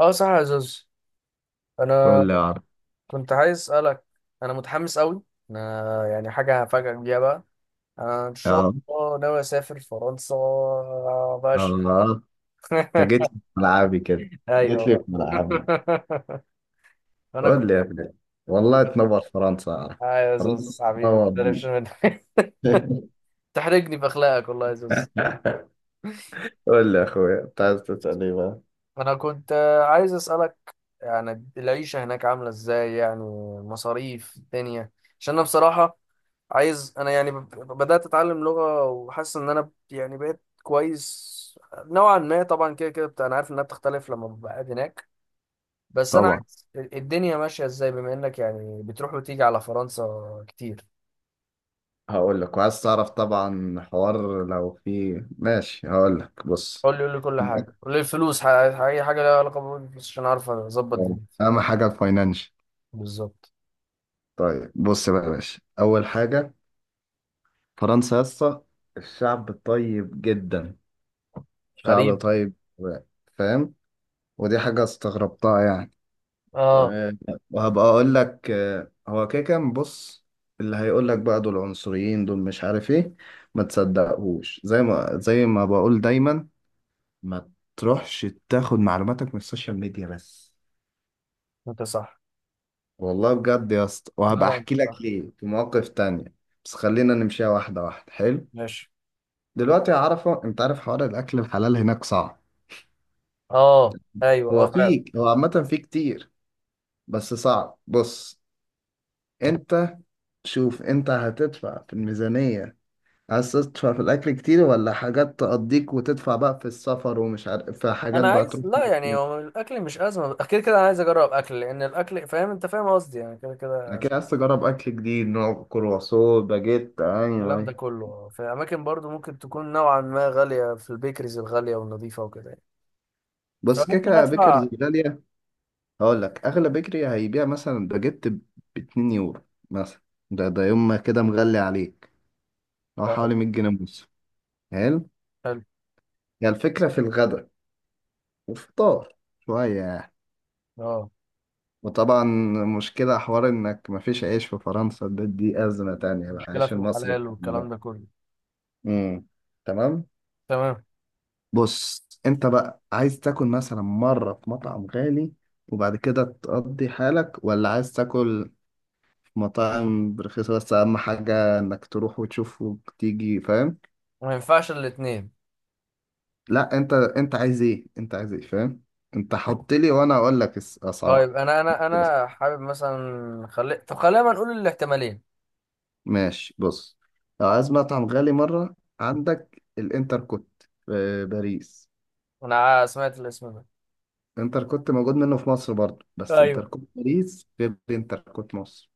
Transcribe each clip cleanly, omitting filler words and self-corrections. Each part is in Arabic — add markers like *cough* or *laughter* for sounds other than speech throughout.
اه، صح يا زوز. قول انا لي يا عرب. كنت عايز اسالك. انا متحمس قوي. انا يعني حاجه هفاجئك بيها بقى. انا ان يا شاء رب. الله ناوي اسافر فرنسا. باش. الله. *laughs* انت جيت لي في ملعبي كده. جيت ايوه لي في بقى. ملعبي. *laughs* انا قول كنت. لي يا ابني. والله تنور فرنسا يا عرب. اه يا فرنسا زوز حبيبي، ما تنور بي. تقلقش منك. *laughs* *laughs* تحرجني باخلاقك والله يا زوز. قول لي يا اخويا، انت عايز تسال ايه بقى؟ انا كنت عايز اسالك، يعني العيشه هناك عامله ازاي يعني، مصاريف الدنيا، عشان انا بصراحه عايز، انا يعني بدأت اتعلم لغة وحاسس ان انا يعني بقيت كويس نوعا ما طبعا. كده كده انا عارف انها بتختلف لما ببقى قاعد هناك، بس انا طبعا. عايز الدنيا ماشية ازاي، بما انك يعني بتروح وتيجي على فرنسا كتير. هقول لك، وعايز تعرف طبعا حوار لو في. ماشي، هقول لك، بص. قول لي كل حاجة، قول لي الفلوس، اي حاجة لها علاقة بالفلوس عشان اعرف اظبط دنيتي. اهم حاجه الفاينانشال. بالظبط. طيب بص بقى يا باشا، اول حاجه، فرنسا يا اسطى، الشعب طيب جدا. شعب غريب. طيب. فاهم. ودي حاجة استغربتها يعني. اه. آه، وهبقى أقول لك هو كده كان. بص. اللي هيقول لك بقى دول عنصريين، دول مش عارف إيه، ما تصدقهوش. زي ما بقول دايما، ما تروحش تاخد معلوماتك من السوشيال ميديا بس. انت صح. والله بجد يا اسطى، لا وهبقى لا، أحكي انت لك صح. ليه في مواقف تانية. بس خلينا نمشيها واحدة واحدة. حلو. ماشي. دلوقتي يا عرفة، أنت عارف حوار الأكل الحلال هناك صعب. اه، ايوه، اه فعلا. هو عامة فيه كتير، بس صعب. بص. أنت شوف انت هتدفع في الميزانية. عايز تدفع في الأكل كتير ولا حاجات تقضيك وتدفع بقى في السفر، ومش عارف في حاجات انا بقى عايز، تروح لا يعني كتير. هو الاكل مش ازمه اكيد، كده انا عايز اجرب اكل، لان الاكل، فاهم انت فاهم قصدي، يعني كده كده. أكيد عايز تجرب أكل جديد، نوع كرواسون، باجيت. أيوه الكلام ده أيوه. كله في اماكن برضو ممكن تكون نوعا ما غاليه، في البيكريز الغاليه والنظيفه وكده يعني، بس كده فممكن كده ادفع. بيكرز غالية. هقول لك، أغلى بيكري هيبيع مثلا باجيت ب 2 يورو مثلا. ده يوم ما كده مغلي عليك، هو اه. حوالي 100 جنيه ونص. حلو. حلو. هي الفكرة في الغدا والفطار شوية يعني. اه، وطبعا مشكلة حوار إنك مفيش عيش في فرنسا. دي أزمة تانية بقى، مشكله عيش في المصري الحلال بتاعنا والكلام ده. ده كله. امم. تمام. تمام. بص أنت بقى عايز تاكل مثلا مرة في مطعم غالي وبعد كده تقضي حالك، ولا عايز تاكل في مطاعم رخيصة، بس أهم حاجة إنك تروح وتشوف وتيجي. فاهم؟ ما ينفعش الاثنين. لا، أنت عايز إيه؟ أنت عايز إيه؟ فاهم؟ أنت حط لي وأنا أقول لك الأسعار. طيب انا، انا حابب مثلا، خلي، طب خلينا نقول الاحتمالين. ماشي، بص. لو عايز مطعم غالي مرة، عندك الانتر كوت في باريس. انا سمعت الاسم ده. انتر كوت موجود منه في مصر برضه، بس انتر ايوه، كوت باريس غير انتر كوت مصر.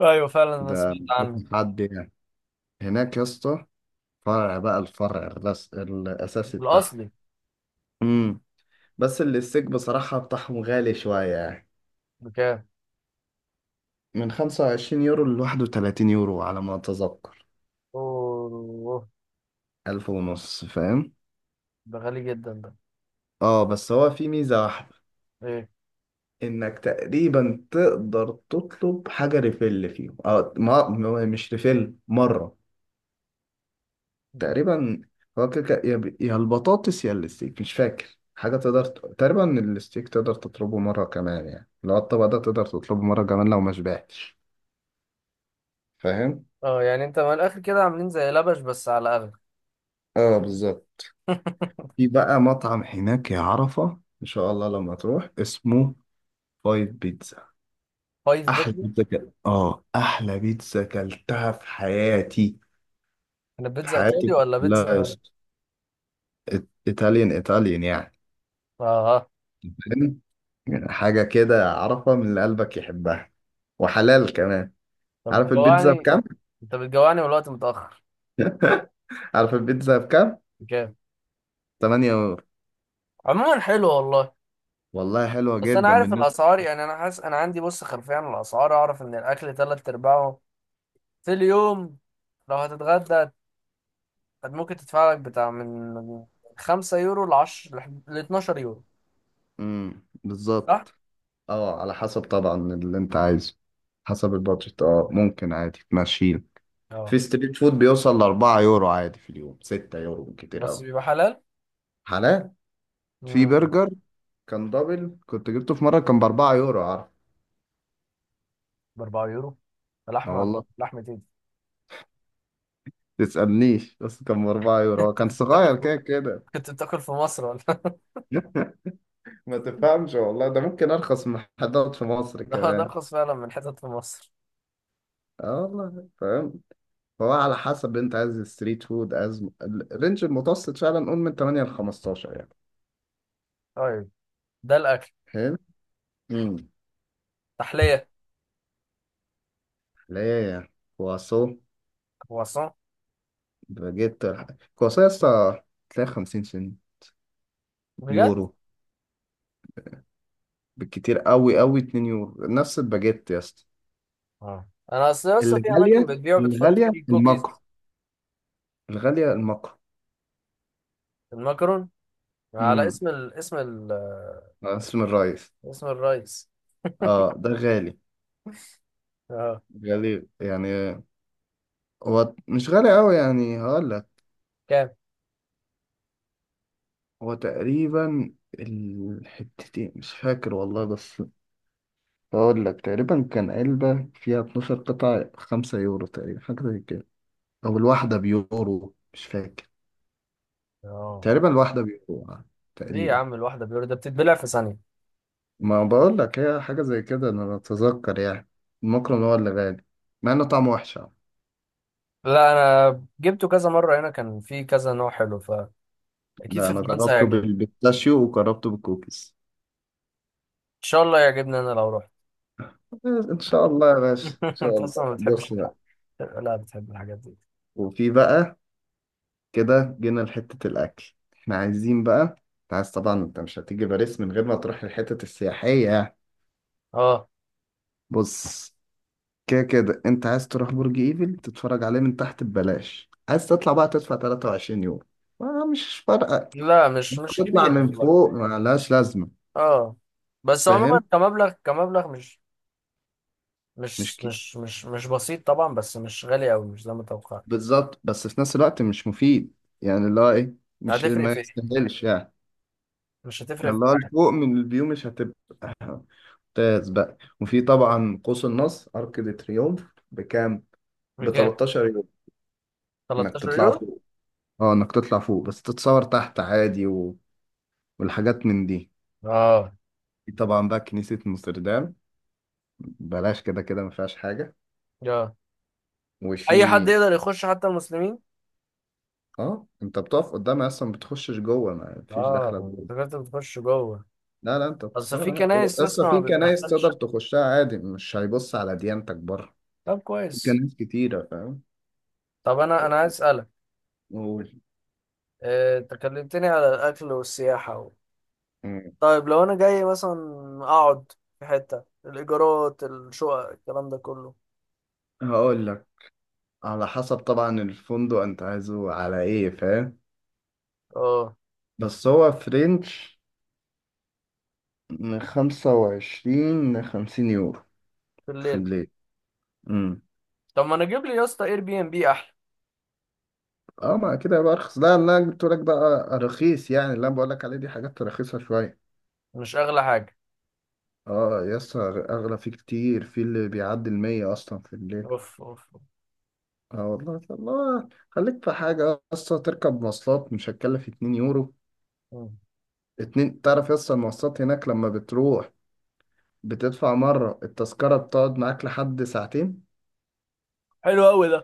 ايوه فعلا انا ده سمعت عنه. مش حد يعني هناك يا اسطى. فرع بقى، الفرع الأساسي بتاعهم. الاصلي. امم. بس اللي الستيك بصراحة بتاعهم غالي شوية يعني، بكام؟ من 25 يورو ل 31 يورو على ما أتذكر. اوه، ألف ونص فاهم. ده غالي جدا ده. اه. بس هو في ميزة واحدة، ايه؟ انك تقريبا تقدر تطلب حاجه ريفيل فيهم. اه، مش ريفيل مره. مم. تقريبا. هو كده كده، يا يا البطاطس يا الستيك مش فاكر حاجه، تقدر تقريبا الستيك تقدر تطلبه مره كمان، يعني لو الطبق ده تقدر تطلبه مره كمان لو ما شبعتش. فاهم. اه، يعني انت من الاخر كده عاملين زي لبش بس على اغلى. اه بالظبط. في بقى مطعم هناك يا عرفه ان شاء الله لما تروح، اسمه فايف بيتزا. فايف احلى بيتزا. بيتزا كده، اه، احلى بيتزا كلتها في حياتي. انا في بيتزا ايطالي حياتي ولا بيتزا؟ كلها يا اه. اسطى. ايطاليان ايطاليان يعني. اه. فاهم؟ حاجة كده عارفة من اللي قلبك يحبها، وحلال كمان. طب عارف البيتزا بتجوعني، بكام؟ انت بتجوعني والوقت متاخر. *laughs* عارف البيتزا بكام؟ بكام؟ 8 يورو. عموما حلو والله. والله حلوة بس انا جدا عارف بالنسبة. الاسعار يعني، انا حاسس انا عندي بص خلفيه عن الاسعار، اعرف ان الاكل تلات ارباعه في اليوم، لو هتتغدى ممكن تدفع لك بتاع من 5 يورو ل 10 ل 12 يورو، *laughs* امم. صح؟ بالظبط. اه على حسب طبعا اللي انت عايزه، حسب البادجت. اه ممكن عادي تمشيله. اه. في ستريت فود بيوصل ل 4 يورو عادي في اليوم، 6 يورو كتير بس قوي. بيبقى حلال؟ حلال. في مم. برجر كان دبل، كنت جبته في مرة، كان ب 4 يورو عارف. ب 4 يورو. اه لحمه والله. لحمه ايه دي؟ تسألنيش، بس كان بأربعة *laughs* يورو هو انت كان كنت بتاكل صغير في، كده كده. كنت بتاكل في مصر ولا؟ *laughs* *laughs* ما تفهمش والله، ده ممكن أرخص من محلات في مصر ده كمان. ارخص فعلا من حتت في مصر. اه والله فاهم. فهو على حسب، أنت عايز ستريت فود، عايز الرينج المتوسط فعلا، قول من 8 ل 15 يعني. طيب، ده الاكل. حلو. امم. تحليه. ليه كواسو كرواسون. باجيت، كواسو يا اسطى تلاقي 50 سنت، بجد؟ يورو بالكتير قوي قوي 2 يورو نفس الباجيت يا اسطى. اه انا اصل لسه في اماكن الغالية بتبيع بتحط الغالية فيه الماكرو كوكيز. الغالية الماكرو المكرون، على امم. اسم ال... اسم ال... اسم الرئيس. اسم الرئيس. اه ده غالي، اه. غالي يعني. هو مش غالي قوي يعني، هقول لك. كام؟ هو تقريبا، الحتتين مش فاكر والله، بس هقول لك تقريبا كان علبة فيها 12 قطعة 5 يورو تقريبا، حاجة زي كده. او الواحدة بيورو مش فاكر، اه. تقريبا الواحدة بيورو ليه يا تقريبا. عم؟ الواحده بيور ده بتتبلع في ثانيه. ما بقول لك هي حاجة زي كده، انا اتذكر يعني. المكرم هو اللي غالي، مع انه طعمه وحش آه. لا انا جبته كذا مره هنا، كان في كذا نوع حلو، فاكيد لا في انا فرنسا جربته هيعجبني. بالبيستاشيو وجربته بالكوكيز. ان شاء الله يعجبني انا لو رحت. ان شاء الله يا باشا، ان *laughs* شاء انت اصلا الله. ما بتحبش بص بقى. الحق، لا بتحب الحاجات دي. وفي بقى، كده جينا لحتة الاكل احنا عايزين بقى، انت عايز طبعا، انت مش هتيجي باريس من غير ما تروح الحتت السياحية. اه. بص، كده كده انت عايز تروح برج ايفل تتفرج عليه من تحت ببلاش، عايز تطلع بقى تدفع 23 يورو، ما مش فارقة. لا، مش مش تطلع كبيرة من والله. فوق ما لهاش لازمة. اه. بس عموما فاهم. كمبلغ، كمبلغ، مش مش مش كي... مش مش مش بسيط طبعا، بس مش غالي قوي، مش زي ما توقعت. بالظبط، بس في نفس الوقت مش مفيد. يعني اللي هو ايه، مش هتفرق ما في ايه؟ يستاهلش يعني، مش هتفرق في اللي هو حاجة. الفوق من الفيو مش هتبقى ممتاز بقى. وفي طبعا قوس النصر، ارك دي تريومف بكام؟ ب بكام؟ 13 يوم، انك 13 تطلع يورو. فوق. اه انك تطلع فوق، بس تتصور تحت عادي، والحاجات من دي. اه. في طبعا بقى كنيسة نوستردام، بلاش كده كده ما فيهاش حاجة. اه، اي حد وفي يقدر يخش، حتى المسلمين. اه انت بتقف قدامها اصلا، ما بتخشش جوه، ما فيش اه، داخله جوه. انت كنت بتخش جوه؟ لا لا انت بس بتتصور في عادي. كنايس اصلا اصلا في ما كنايس تقدر بتدخلش. تخشها عادي، مش هيبص على ديانتك بره. طب في كويس. كنايس كتيرة فاهم. طب انا عايز اسالك، قول. انت كلمتني على الاكل والسياحة. مم. طيب لو انا جاي مثلا، اقعد، في حتة الايجارات، الشقق، الكلام ده كله. هقول لك، على حسب طبعا الفندق انت عايزه على ايه فاهم. اه. بس هو فرنش من 25 ل 50 يورو في في الليل. الليل. امم. طب ما انا اجيب لي يا اسطى اير بي ام بي احلى. اه. ما كده يبقى ارخص. لا، اللي انا جبت لك بقى رخيص يعني، اللي انا بقول لك عليه دي حاجات رخيصة شوية. مش اغلى حاجه. اه يس، اغلى فيه كتير، في اللي بيعدي المية اصلا في الليل. اوف اوف. اه والله. الله. خليك في حاجة اصلا، تركب مواصلات مش هتكلف 2 يورو. مم. 2، تعرف يس، المواصلات هناك لما بتروح بتدفع مرة التذكرة بتقعد معاك لحد ساعتين. حلو قوي ده.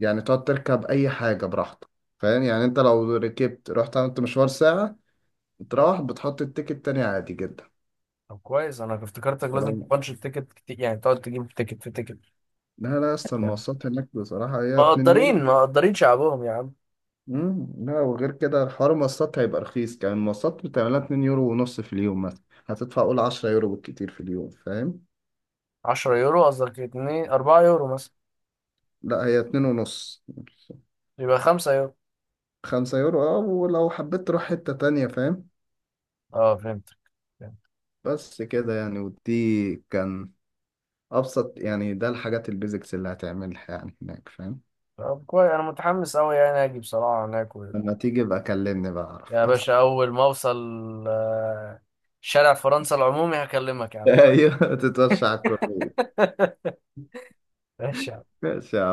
يعني تقعد تركب أي حاجة براحتك. فاهم يعني، أنت لو ركبت رحت عملت مشوار ساعة، تروح بتحط التيكت تاني عادي جدا. طب كويس، انا افتكرتك لازم لو تبانش التيكت كتير، يعني تقعد تجيب تيكت في تيكت. لا لا يا اسطى، يعني، المواصلات هناك بصراحة هي 2 يورو. مقدرين مقدرين شعبهم يا عم. مم. لا، وغير كده حوار المواصلات هيبقى رخيص كمان. المواصلات بتعملها 2 يورو ونص في اليوم، مثلا هتدفع قول 10 يورو بالكتير في اليوم فاهم. 10 يورو؟ قصدك 2، 4 يورو مثلا؟ لا هي 2 ونص، يبقى خمسة يورو. 5 يورو، اه، ولو حبيت تروح حتة تانية فاهم. اه فهمتك، فهمت. بس كده يعني، ودي كان ابسط يعني، ده الحاجات البيزكس اللي هتعملها يعني هناك فاهم. طب كويس، انا متحمس قوي يعني اجي بصراحه هناك. لما تيجي بقى كلمني بقى اعرف. يا باشا، *laughs* أول ما أوصل آه، شارع فرنسا العمومي هكلمك يا عم. ايوه تتوشع على الكورنيش. *laughs* ماشي. ماشي يا